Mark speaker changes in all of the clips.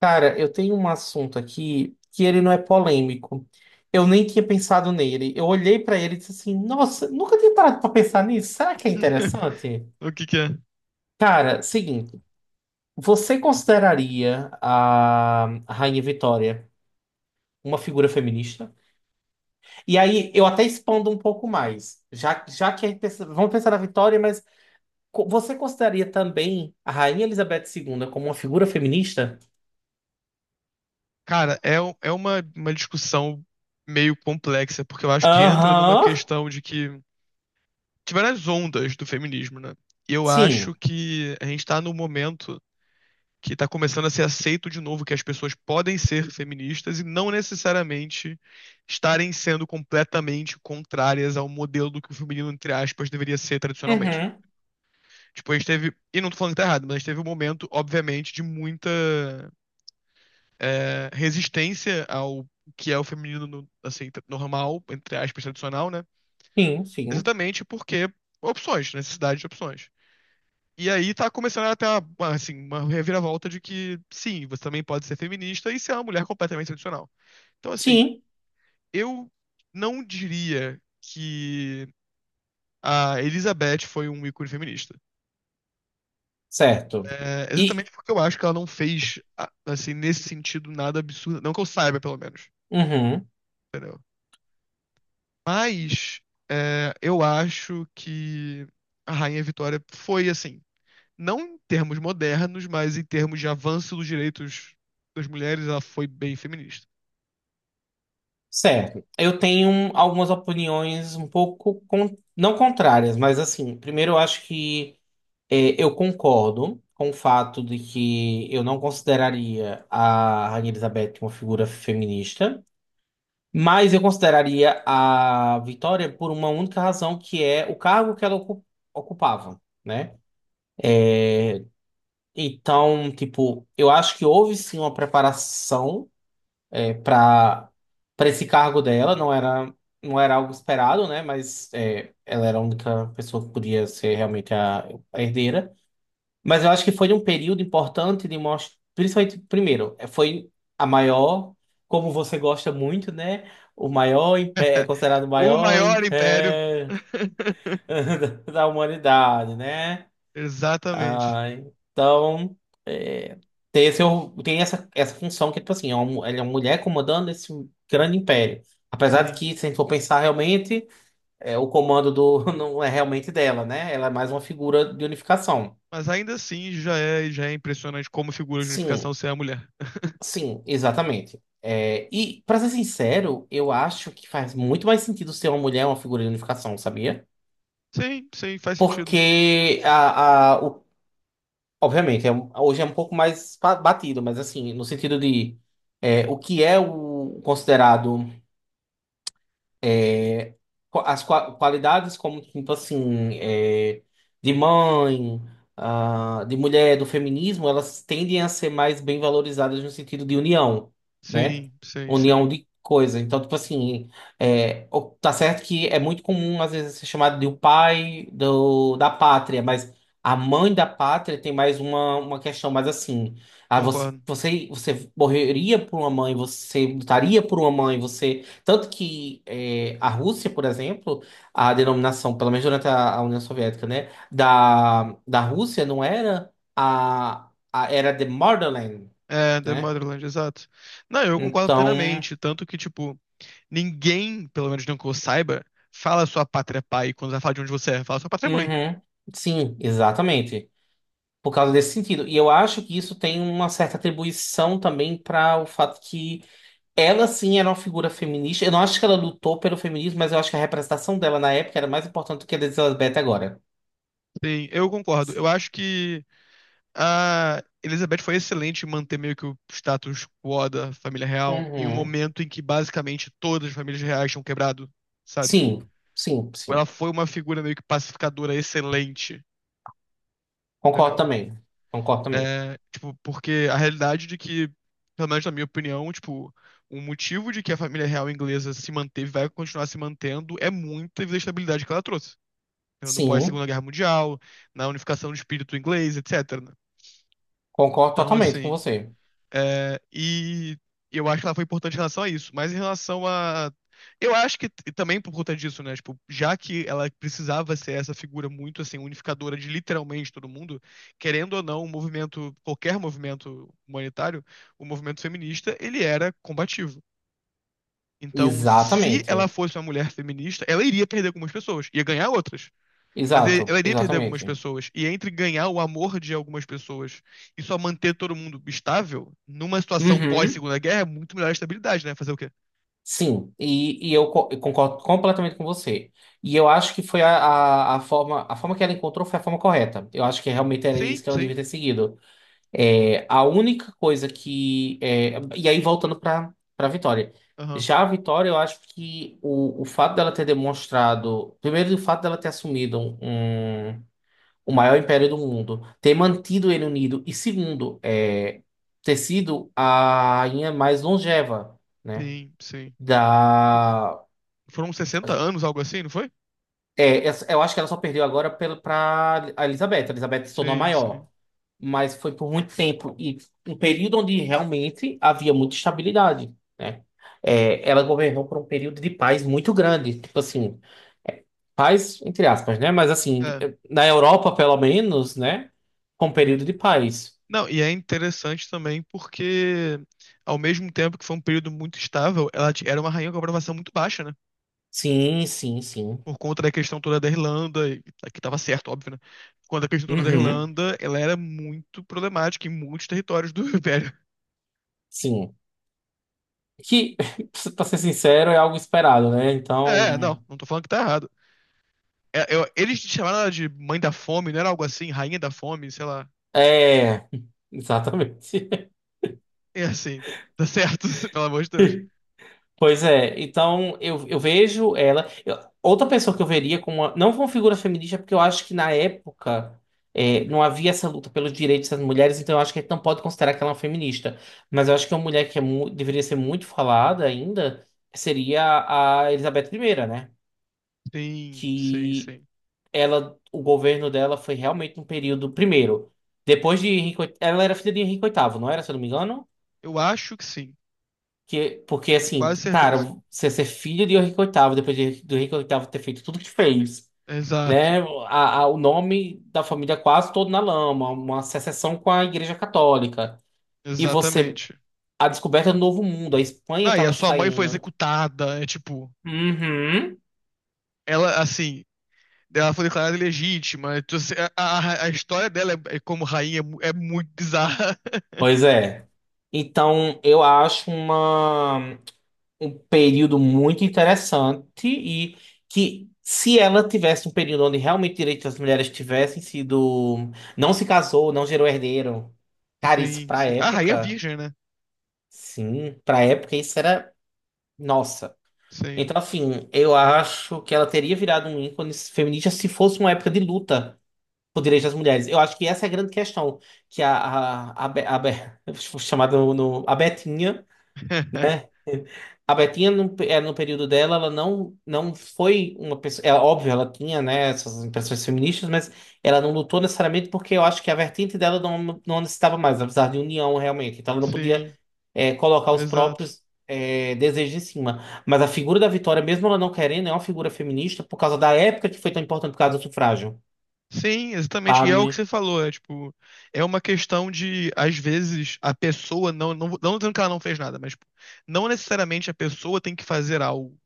Speaker 1: Cara, eu tenho um assunto aqui que ele não é polêmico. Eu nem tinha pensado nele. Eu olhei pra ele e disse assim: nossa, nunca tinha parado pra pensar nisso. Será que é interessante?
Speaker 2: O que que é?
Speaker 1: Cara, seguinte, você consideraria a Rainha Vitória uma figura feminista? E aí eu até expando um pouco mais, já que vamos pensar na Vitória, mas você consideraria também a Rainha Elizabeth II como uma figura feminista?
Speaker 2: Cara, é uma discussão meio complexa, porque eu acho que entra numa
Speaker 1: Aham.
Speaker 2: questão de que tiveram as ondas do feminismo, né? E eu
Speaker 1: Sim.
Speaker 2: acho que a gente tá num momento que tá começando a ser aceito de novo que as pessoas podem ser feministas e não necessariamente estarem sendo completamente contrárias ao modelo do que o feminino, entre aspas, deveria ser tradicionalmente.
Speaker 1: Uhum.
Speaker 2: Tipo, a gente teve, e não tô falando que tá errado, mas a gente teve um momento, obviamente, de muita resistência ao que é o feminino assim, normal, entre aspas, tradicional, né?
Speaker 1: Sim, sim.
Speaker 2: Exatamente porque opções, necessidade de opções. E aí tá começando a ter uma, assim, uma reviravolta de que, sim, você também pode ser feminista e ser uma mulher completamente tradicional. Então, assim,
Speaker 1: Sim,
Speaker 2: eu não diria que a Elizabeth foi um ícone feminista.
Speaker 1: certo.
Speaker 2: É,
Speaker 1: E,
Speaker 2: exatamente porque eu acho que ela não fez, assim, nesse sentido, nada absurdo. Não que eu saiba, pelo menos.
Speaker 1: uhum,
Speaker 2: Entendeu? Mas é, eu acho que a Rainha Vitória foi assim, não em termos modernos, mas em termos de avanço dos direitos das mulheres, ela foi bem feminista.
Speaker 1: certo. Algumas opiniões um pouco, não contrárias, mas assim, primeiro eu acho que eu concordo com o fato de que eu não consideraria a Rainha Elizabeth uma figura feminista, mas eu consideraria a Vitória por uma única razão, que é o cargo que ocupava, né? Então, tipo, eu acho que houve sim uma preparação para para esse cargo dela, não era algo esperado, né? Mas é, ela era a única pessoa que podia ser realmente a herdeira. Mas eu acho que foi um período importante de mostrar, principalmente primeiro, é, foi a maior, como você gosta muito, né? O maior império, é considerado o
Speaker 2: O
Speaker 1: maior
Speaker 2: maior império.
Speaker 1: império da humanidade, né?
Speaker 2: Exatamente.
Speaker 1: Ah, então, é, tem, esse, tem essa, essa função que, tipo assim, é uma, ele é uma mulher comandando esse grande império. Apesar de
Speaker 2: Sim.
Speaker 1: que, se a gente for pensar realmente, é, o comando do, não é realmente dela, né? Ela é mais uma figura de unificação.
Speaker 2: Mas ainda assim já é impressionante como figura de unificação
Speaker 1: Sim,
Speaker 2: ser a mulher.
Speaker 1: sim, exatamente. É, e, pra ser sincero, eu acho que faz muito mais sentido ser uma mulher uma figura de unificação, sabia?
Speaker 2: Sim, sim, faz sentido.
Speaker 1: Porque o obviamente, hoje é um pouco mais batido, mas assim, no sentido de é, o que é o considerado é, qualidades como tipo assim é, de mãe ah, de mulher do feminismo elas tendem a ser mais bem valorizadas no sentido de união, né,
Speaker 2: Sim, sim, sim.
Speaker 1: união de coisa, então tipo assim é, tá certo que é muito comum às vezes ser chamado de o pai do, da pátria, mas a mãe da pátria tem mais uma questão mais assim ah,
Speaker 2: Concordo.
Speaker 1: você morreria por uma mãe, você lutaria por uma mãe, você tanto que é, a Rússia, por exemplo, a denominação, pelo menos durante a União Soviética, né, da Rússia não era a era the Motherland,
Speaker 2: É, The
Speaker 1: né?
Speaker 2: Motherland, exato. Não, eu concordo
Speaker 1: Então,
Speaker 2: plenamente. Tanto que, tipo, ninguém, pelo menos não que eu saiba, fala sua pátria pai quando vai falar de onde você é, fala sua pátria mãe.
Speaker 1: uhum, sim, exatamente. Por causa desse sentido. E eu acho que isso tem uma certa atribuição também para o fato que ela sim era uma figura feminista. Eu não acho que ela lutou pelo feminismo, mas eu acho que a representação dela na época era mais importante do que a da Elizabeth agora.
Speaker 2: Sim, eu concordo. Eu acho que a Elizabeth foi excelente em manter meio que o status quo da família real em um
Speaker 1: Uhum.
Speaker 2: momento em que basicamente todas as famílias reais tinham quebrado, sabe?
Speaker 1: Sim, sim, sim.
Speaker 2: Ela foi uma figura meio que pacificadora excelente,
Speaker 1: Concordo
Speaker 2: entendeu?
Speaker 1: também. Concordo também.
Speaker 2: É, tipo, porque a realidade de que, pelo menos na minha opinião, tipo, o motivo de que a família real inglesa se manteve, vai continuar se mantendo, é muita estabilidade que ela trouxe. Entendeu? No
Speaker 1: Sim,
Speaker 2: pós-Segunda Guerra Mundial, na unificação do espírito inglês, etc. né?
Speaker 1: concordo
Speaker 2: Então,
Speaker 1: totalmente com
Speaker 2: assim,
Speaker 1: você.
Speaker 2: e eu acho que ela foi importante em relação a isso. Mas em relação a. Eu acho que também por conta disso, né? Tipo, já que ela precisava ser essa figura muito assim, unificadora de literalmente todo mundo, querendo ou não, um movimento, qualquer movimento humanitário, o movimento feminista, ele era combativo. Então, se ela
Speaker 1: Exatamente.
Speaker 2: fosse uma mulher feminista, ela iria perder algumas pessoas, ia ganhar outras. Mas
Speaker 1: Exato,
Speaker 2: ela iria perder algumas
Speaker 1: exatamente.
Speaker 2: pessoas. E entre ganhar o amor de algumas pessoas e só manter todo mundo estável, numa situação
Speaker 1: Uhum.
Speaker 2: pós-Segunda Guerra, é muito melhor a estabilidade, né? Fazer o quê?
Speaker 1: Sim, e, eu concordo completamente com você. E eu acho que foi a forma que ela encontrou foi a forma correta. Eu acho que realmente era
Speaker 2: Sim,
Speaker 1: isso que ela
Speaker 2: sim.
Speaker 1: devia ter seguido. É, a única coisa que. É, e aí, voltando para Vitória.
Speaker 2: Aham.
Speaker 1: Já a Vitória, eu acho que o fato dela ter demonstrado. Primeiro, o fato dela ter assumido um. O maior império do mundo, ter mantido ele unido e segundo, é, ter sido a rainha mais longeva, né?
Speaker 2: Sim, sim. Por-
Speaker 1: Da
Speaker 2: Foram 60 anos, algo assim, não foi?
Speaker 1: é, eu acho que ela só perdeu agora para a Elizabeth. A Elizabeth se tornou a
Speaker 2: Sim,
Speaker 1: maior,
Speaker 2: sim.
Speaker 1: mas foi por muito tempo e um período onde realmente havia muita estabilidade, né? É, ela governou por um período de paz muito grande, tipo assim, é, paz entre aspas, né? Mas assim,
Speaker 2: É,
Speaker 1: na Europa pelo menos, né? Com um período
Speaker 2: sim.
Speaker 1: de paz.
Speaker 2: Não, e é interessante também porque, ao mesmo tempo que foi um período muito estável, era uma rainha com aprovação muito baixa, né?
Speaker 1: Sim, sim, sim.
Speaker 2: Por conta da questão toda da Irlanda, que estava certo, óbvio, né? Por conta da questão toda da
Speaker 1: Uhum,
Speaker 2: Irlanda, ela era muito problemática em muitos territórios do Império.
Speaker 1: sim. Que, pra ser sincero, é algo esperado, né?
Speaker 2: É,
Speaker 1: Então,
Speaker 2: não, não tô falando que tá errado. Eles chamaram ela de mãe da fome, não era algo assim, rainha da fome, sei lá.
Speaker 1: é. Exatamente.
Speaker 2: É assim, tá certo, pelo amor de Deus.
Speaker 1: Pois é, então eu vejo ela. Eu- outra pessoa que eu veria como. Uma- não como figura feminista, é porque eu acho que na época é, não havia essa luta pelos direitos das mulheres, então eu acho que a gente não pode considerar que ela é uma feminista. Mas eu acho que uma mulher que é deveria ser muito falada ainda seria a Elizabeth primeira, né?
Speaker 2: Sim, sim, sim.
Speaker 1: Ela, o governo dela foi realmente um período. Primeiro, depois de Henrique, VIII, ela era filha de Henrique VIII, não era, se eu não me engano?
Speaker 2: Eu acho que sim,
Speaker 1: Que, porque,
Speaker 2: tenho
Speaker 1: assim,
Speaker 2: quase
Speaker 1: cara,
Speaker 2: certeza.
Speaker 1: você ser filha de Henrique VIII, depois do Henrique VIII ter feito tudo que fez,
Speaker 2: Exato,
Speaker 1: né? O nome da família quase todo na lama, uma secessão com a Igreja Católica. E você,
Speaker 2: exatamente.
Speaker 1: a descoberta do Novo Mundo, a Espanha
Speaker 2: Não, e a
Speaker 1: estava
Speaker 2: sua mãe foi
Speaker 1: saindo.
Speaker 2: executada, é tipo,
Speaker 1: Uhum.
Speaker 2: ela assim, ela foi declarada ilegítima. Então, assim, a história dela é como rainha é muito bizarra.
Speaker 1: Pois é. Então, eu acho uma. Um período muito interessante e que se ela tivesse um período onde realmente direitos das mulheres tivessem sido, não se casou, não gerou herdeiro, cara, isso
Speaker 2: Sim,
Speaker 1: pra
Speaker 2: sim. A rainha
Speaker 1: época,
Speaker 2: virgem, né?
Speaker 1: sim, pra época isso era, nossa.
Speaker 2: Sim.
Speaker 1: Então, assim, eu acho que ela teria virado um ícone feminista se fosse uma época de luta por direitos das mulheres. Eu acho que essa é a grande questão, que chamada a Betinha, né? A Betinha, no período dela, ela não foi uma pessoa. É óbvio, ela tinha, né, essas impressões feministas, mas ela não lutou necessariamente porque eu acho que a vertente dela não necessitava mais, apesar de união realmente. Então ela não podia
Speaker 2: Sim,
Speaker 1: colocar os
Speaker 2: exato.
Speaker 1: próprios desejos em cima. Mas a figura da Vitória, mesmo ela não querendo, é uma figura feminista por causa da época que foi tão importante por causa do sufrágio,
Speaker 2: Sim, exatamente. E é o que
Speaker 1: sabe?
Speaker 2: você falou, é tipo, é uma questão de, às vezes, a pessoa não dizendo que ela não fez nada, mas tipo, não necessariamente a pessoa tem que fazer algo.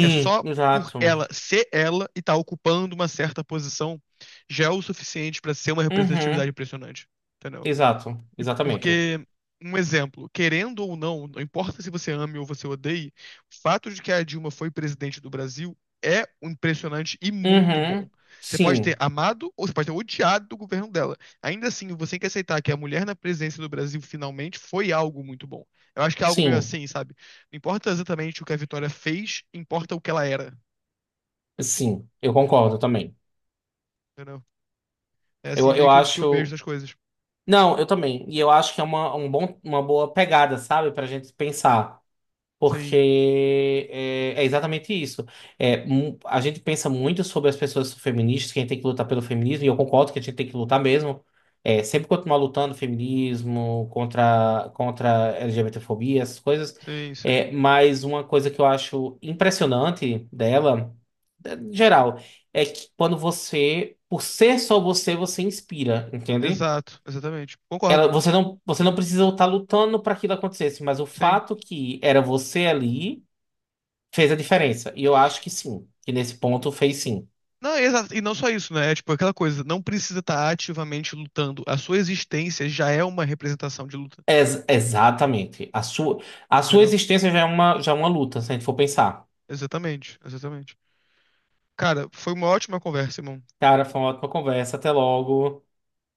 Speaker 2: É só por
Speaker 1: exato.
Speaker 2: ela ser ela e estar ocupando uma certa posição já é o suficiente pra ser uma
Speaker 1: Uhum,
Speaker 2: representatividade impressionante. Entendeu?
Speaker 1: exato,
Speaker 2: Tipo,
Speaker 1: exatamente.
Speaker 2: porque, um exemplo, querendo ou não, não importa se você ame ou você odeie, o fato de que a Dilma foi presidente do Brasil é um impressionante e muito bom.
Speaker 1: Uhum,
Speaker 2: Você pode ter
Speaker 1: sim,
Speaker 2: amado ou você pode ter odiado o governo dela. Ainda assim, você tem que aceitar que a mulher na presidência do Brasil finalmente foi algo muito bom. Eu acho que é algo meio
Speaker 1: sim.
Speaker 2: assim, sabe? Não importa exatamente o que a Vitória fez, importa o que ela era.
Speaker 1: Sim, eu concordo também.
Speaker 2: Entendeu? É assim meio
Speaker 1: Eu
Speaker 2: que que eu vejo
Speaker 1: acho.
Speaker 2: essas coisas.
Speaker 1: Não, eu também. E eu acho que é um bom, uma boa pegada, sabe? Pra gente pensar.
Speaker 2: Sim,
Speaker 1: Porque é, é exatamente isso. É, a gente pensa muito sobre as pessoas feministas, que a gente tem que lutar pelo feminismo, e eu concordo que a gente tem que lutar mesmo. É, sempre continuar lutando feminismo, contra a LGBTfobia, essas coisas.
Speaker 2: sim, sim.
Speaker 1: É, mas uma coisa que eu acho impressionante dela, é, em geral, é que quando você, por ser só você, você inspira, entende?
Speaker 2: Exato, exatamente. Concordo.
Speaker 1: Ela, você não precisa estar lutando para aquilo acontecesse, mas o
Speaker 2: Sim.
Speaker 1: fato que era você ali. Fez a diferença. E eu acho que sim, que nesse ponto fez sim.
Speaker 2: Não, exato. E não só isso, né? É tipo aquela coisa, não precisa estar ativamente lutando. A sua existência já é uma representação de luta.
Speaker 1: Exatamente. A sua
Speaker 2: Entendeu?
Speaker 1: existência já é uma luta, se a gente for pensar.
Speaker 2: Exatamente, exatamente. Cara, foi uma ótima conversa, irmão.
Speaker 1: Cara, foi uma ótima conversa. Até logo.